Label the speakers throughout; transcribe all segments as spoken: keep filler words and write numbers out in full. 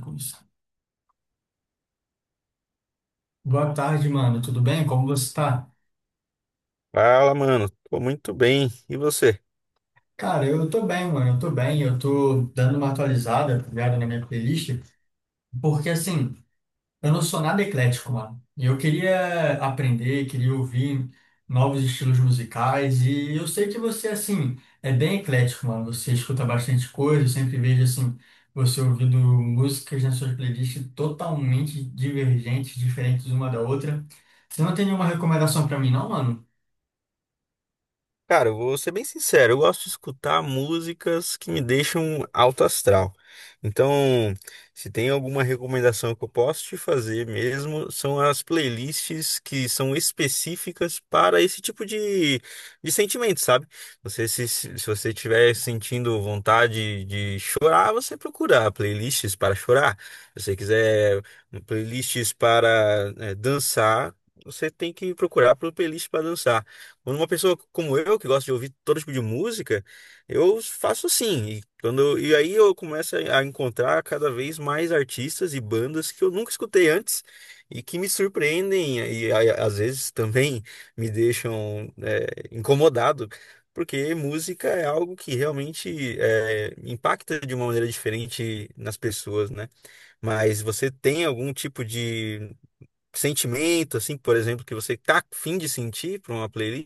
Speaker 1: Com isso. Boa tarde, mano. Tudo bem? Como você tá?
Speaker 2: Fala, mano. Tô muito bem. E você?
Speaker 1: Cara, eu tô bem, mano. Eu tô bem. Eu tô dando uma atualizada, tá ligado, na minha playlist, porque assim, eu não sou nada eclético, mano. E eu queria aprender, queria ouvir novos estilos musicais. E eu sei que você, assim, é bem eclético, mano. Você escuta bastante coisa. Eu sempre vejo, assim, você ouvindo músicas nas suas playlists totalmente divergentes, diferentes uma da outra. Você não tem nenhuma recomendação pra mim, não, mano?
Speaker 2: Cara, eu vou ser bem sincero, eu gosto de escutar músicas que me deixam alto astral. Então, se tem alguma recomendação que eu posso te fazer mesmo, são as playlists que são específicas para esse tipo de, de sentimento, sabe? Você, se, se se você estiver sentindo vontade de chorar, você procura playlists para chorar. Se você quiser playlists para eh, dançar, você tem que procurar por playlist para dançar. Quando uma pessoa como eu, que gosta de ouvir todo tipo de música, eu faço assim. E, quando, e aí eu começo a a encontrar cada vez mais artistas e bandas que eu nunca escutei antes e que me surpreendem e a- às vezes também me deixam é, incomodado, porque música é algo que realmente é, impacta de uma maneira diferente nas pessoas, né? Mas você tem algum tipo de sentimento, assim, por exemplo, que você tá a fim de sentir para uma playlist?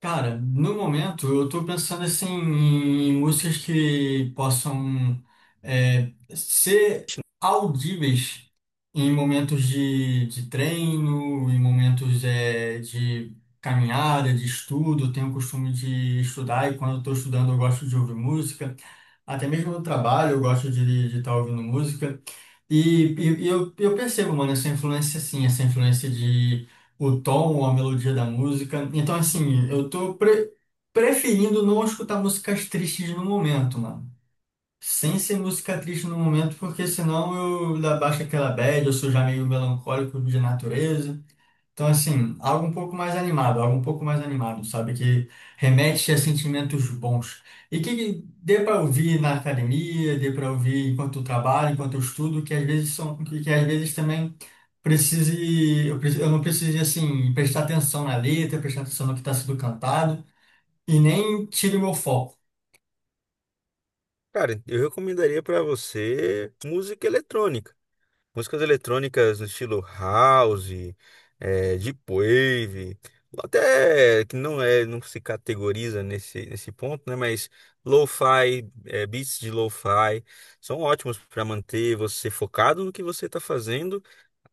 Speaker 1: Cara, no momento eu tô pensando assim em músicas que possam é, ser audíveis em momentos de, de treino, em momentos é, de caminhada, de estudo. Eu Tenho o costume de estudar e quando eu tô estudando eu gosto de ouvir música. Até mesmo no trabalho eu gosto de estar ouvindo música. E, e- e eu, eu percebo, mano, essa influência assim, essa influência de o tom, a melodia da música. Então, assim, eu tô pre- preferindo não escutar músicas tristes no momento, mano. Sem ser música triste no momento, porque senão eu da- baixo aquela bad, eu sou já meio melancólico de natureza. Então, assim, algo um pouco mais animado, algo um pouco mais animado, sabe? Que remete a sentimentos bons. E que dê para ouvir na academia, dê para ouvir enquanto eu trabalho, enquanto eu estudo, que às vezes são, que, que às vezes também precise, eu, preci- eu não precise, assim, prestar atenção na letra, prestar atenção no que está sendo cantado, e nem tire o meu foco.
Speaker 2: Cara, eu recomendaria para você música eletrônica. Músicas eletrônicas no estilo house, eh, deep wave, ou até que não é, não se categoriza nesse, nesse ponto, né? Mas lo-fi, eh, beats de lo-fi são ótimos para manter você focado no que você está fazendo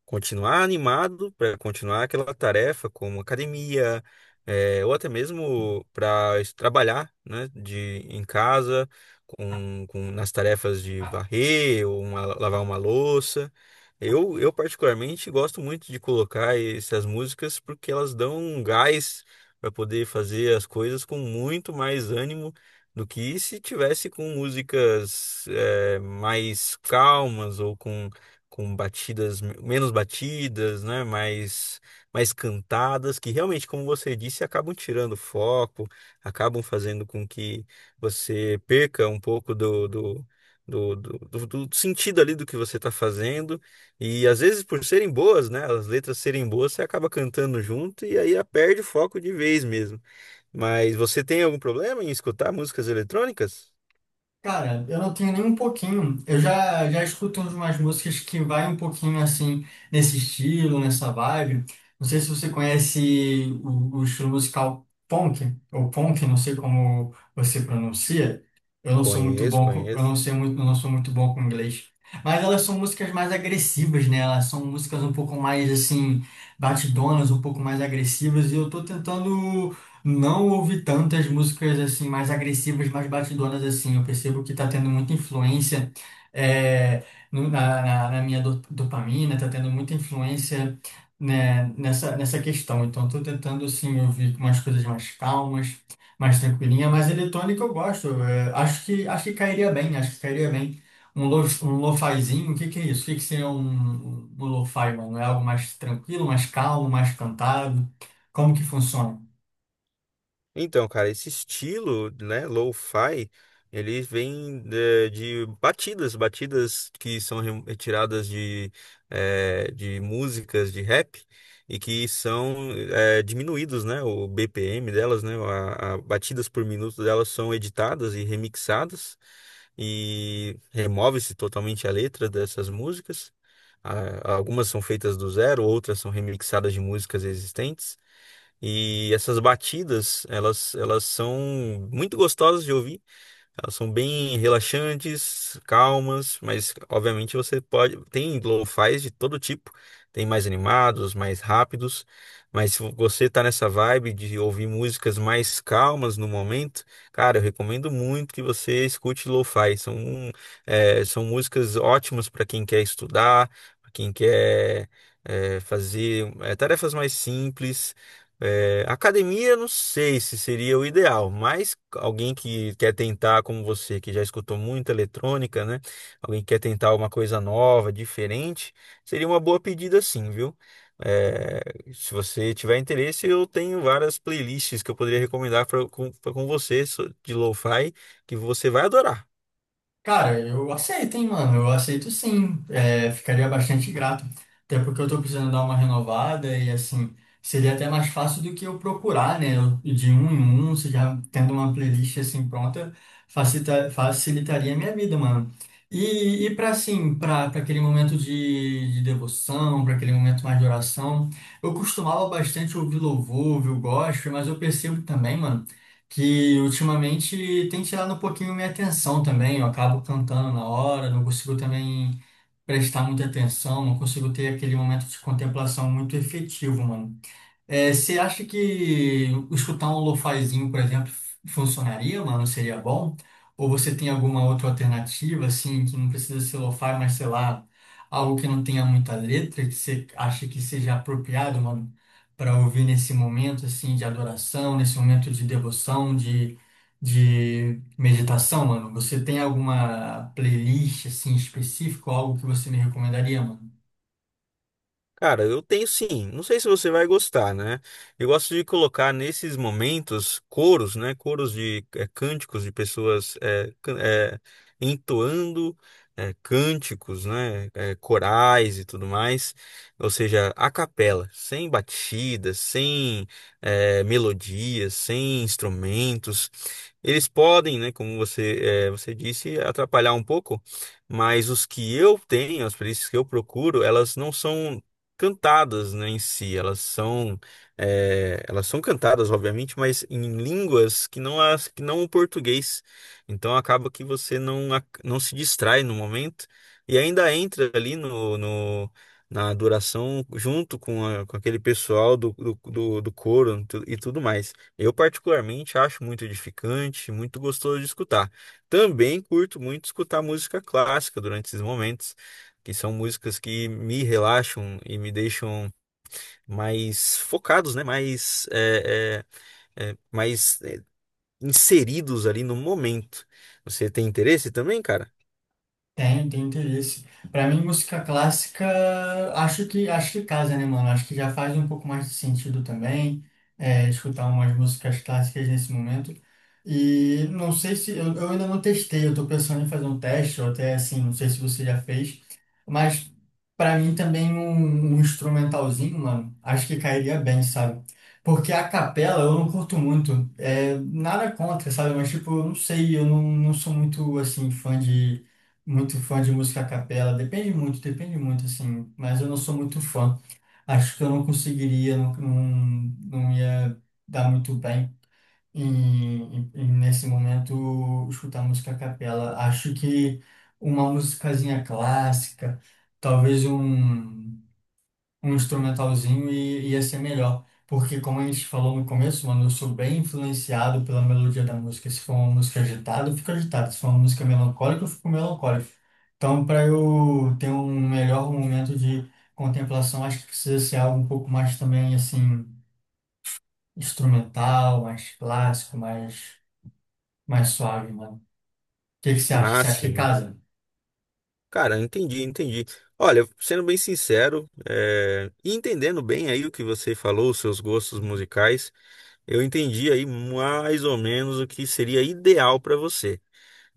Speaker 2: continuar animado para continuar aquela tarefa como academia, eh, ou até mesmo para trabalhar, né, de em casa com, com nas tarefas de varrer ou uma- lavar uma louça. Eu, eu particularmente gosto muito de colocar essas músicas porque elas dão um gás para poder fazer as coisas com muito mais ânimo do que se tivesse com músicas eh, mais calmas ou com com batidas menos batidas, né, mais mais cantadas, que realmente, como você disse, acabam tirando o foco, acabam fazendo com que você perca um pouco do do Do, do, do- do sentido ali do que você está fazendo e às vezes por serem boas, né, as letras serem boas, você acaba cantando junto e aí perde o foco de vez mesmo. Mas você tem algum problema em escutar músicas eletrônicas?
Speaker 1: Cara, eu não tenho nem um pouquinho. Eu já, já escuto umas músicas que vai um pouquinho assim, nesse estilo, nessa vibe. Não sei se você conhece o, o estilo musical punk, ou punk, não sei como você pronuncia. Eu não sou muito
Speaker 2: Conheço,
Speaker 1: bom com, eu não
Speaker 2: conheço.
Speaker 1: sei muito, eu não sou muito bom com inglês. Mas elas são músicas mais agressivas, né? Elas são músicas um pouco mais assim, batidonas, um pouco mais agressivas. E eu tô tentando. Não ouvi tantas músicas assim mais agressivas, mais batidonas assim. Eu percebo que tá tendo muita influência é, no- na, na- na minha do- dopamina, tá tendo muita influência né, nessa, nessa questão. Então estou tentando assim ouvir umas coisas mais calmas, mais tranquilinha, mas eletrônica eu gosto. É, acho que acho que cairia bem, acho que cairia bem. Um lo, um lofazinho, o que que é isso? O que que seria um, um, um lo-fi, mano? É algo mais tranquilo, mais calmo, mais cantado? Como que funciona?
Speaker 2: Então, cara, esse estilo, né, lo-fi, ele vem eh, de, batidas, batidas que são re- retiradas de, eh, de músicas de rap e que são eh, diminuídos, né, o B P M delas, né, a, a batidas por minuto delas são editadas e remixadas e remove-se totalmente a letra dessas músicas. Ah, Algumas são feitas do zero, outras são remixadas de músicas existentes. E essas batidas, elas, elas são muito gostosas de ouvir. Elas são bem relaxantes, calmas, mas obviamente você pode. Tem lo-fis de todo tipo. Tem mais animados, mais rápidos. Mas se você tá nessa vibe de ouvir músicas mais calmas no momento, cara, eu recomendo muito que você escute lo-fi. São, é, são músicas ótimas para quem quer estudar, para quem quer, é, fazer, é, tarefas mais simples. É, academia, não sei se seria o ideal, mas alguém que quer tentar, como você, que já escutou muita eletrônica, né? Alguém que quer tentar uma coisa nova, diferente, seria uma boa pedida, sim, viu? É, Se você tiver interesse, eu tenho várias playlists que eu poderia recomendar pra- com, pra- com você so- de lo-fi que você vai adorar.
Speaker 1: Cara, eu aceito, hein, mano? Eu aceito sim. É, ficaria bastante grato. Até porque eu tô precisando dar uma renovada e, assim, seria até mais fácil do que eu procurar, né? Eu- De um em um, você já tendo uma playlist assim pronta, facilita, facilitaria a minha vida, mano. E, e para assim, para para aquele momento de, de devoção, para aquele momento mais de oração, eu costumava bastante ouvir louvor, ouvir o gospel, mas eu percebo também, mano que ultimamente tem tirado um pouquinho minha atenção também. Eu acabo cantando na hora, não consigo também prestar muita atenção, não consigo ter aquele momento de contemplação muito efetivo, mano. É, você acha que escutar um lofazinho, por exemplo, funcionaria, mano? Seria bom? Ou você tem alguma outra alternativa, assim, que não precisa ser lo-fi, mas sei lá, algo que não tenha muita letra, que você acha que seja apropriado, mano, para ouvir nesse momento, assim, de adoração, nesse momento de devoção, de, de meditação, mano? Você tem alguma playlist, assim, específica, ou algo que você me recomendaria, mano?
Speaker 2: Cara, eu tenho sim. Não sei se você vai gostar, né? Eu gosto de colocar nesses momentos coros, né? Coros de eh, cânticos de pessoas eh, can- eh, entoando eh, cânticos, né? Eh, corais e tudo mais. Ou seja, a capela, sem batidas, sem eh, melodias, sem instrumentos. Eles podem, né? Como você, eh, você disse, atrapalhar um pouco. Mas os que eu tenho, as playlists que eu procuro, elas não são cantadas, né, em si. Elas são, é, elas são cantadas, obviamente, mas em línguas que não as, que não o português. Então acaba que você não, ac- não se distrai no momento e ainda entra ali no, no- na adoração junto com, a- com aquele pessoal do, do, do, do coro e tu- e tudo mais. Eu particularmente acho muito edificante, muito gostoso de escutar. Também curto muito escutar música clássica durante esses momentos que são músicas que me relaxam e me deixam mais focados, né? Mais, é, é, é, mais é, inseridos ali no momento. Você tem interesse também, cara?
Speaker 1: Tem, tem interesse. Pra mim, música clássica, acho que acho que casa, né, mano? Acho que já faz um pouco mais de sentido também, é, escutar umas músicas clássicas nesse momento. E não sei se eu, eu ainda não testei, eu tô pensando em fazer um teste, ou até assim, não sei se você já fez, mas pra mim também um, um instrumentalzinho, mano, acho que cairia bem, sabe? Porque a capela eu não curto muito, é, nada contra, sabe? Mas tipo, eu não sei, eu não, não sou muito assim fã de muito fã de música a capela. Depende muito, depende muito, assim. Mas eu não sou muito fã. Acho que eu não conseguiria, não, não, não ia dar muito bem em, em- em, nesse momento, escutar música a capela. Acho que uma musicazinha clássica, talvez um um instrumentalzinho e ia ser melhor. Porque, como a gente falou no começo, mano, eu sou bem influenciado pela melodia da música. Se for uma música agitada, eu fico agitado. Se for uma música melancólica, eu fico melancólico. Então, para eu ter um melhor momento de contemplação, acho que precisa ser algo um pouco mais também, assim, instrumental, mais clássico, mais, mais suave, mano. O que que você acha?
Speaker 2: Ah,
Speaker 1: Você acha que
Speaker 2: sim.
Speaker 1: casa?
Speaker 2: Cara, entendi, entendi. Olha, sendo bem sincero, é, e entendendo bem aí o que você falou, os seus gostos musicais, eu entendi aí mais ou menos o que seria ideal para você.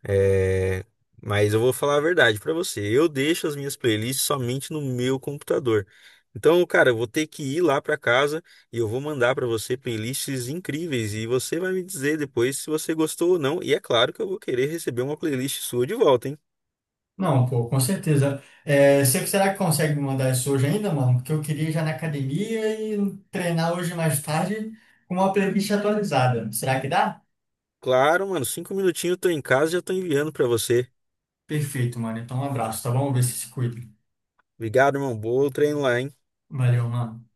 Speaker 2: É, mas eu vou falar a verdade pra você. Eu deixo as minhas playlists somente no meu computador. Então, cara, eu vou ter que ir lá pra casa e eu vou mandar pra você playlists incríveis e você vai me dizer depois se você gostou ou não. E é claro que eu vou querer receber uma playlist sua de volta, hein?
Speaker 1: Não, pô, com certeza. É, você- será que consegue me mandar isso hoje ainda, mano? Porque eu queria ir já na academia e treinar hoje mais tarde com uma playlist atualizada. Será que dá?
Speaker 2: Claro, mano. Cinco minutinhos eu tô em casa e já tô enviando pra você.
Speaker 1: Perfeito, mano. Então, um abraço, tá bom? Vê se se cuida.
Speaker 2: Obrigado, irmão. Bom treino lá, hein?
Speaker 1: Valeu, mano.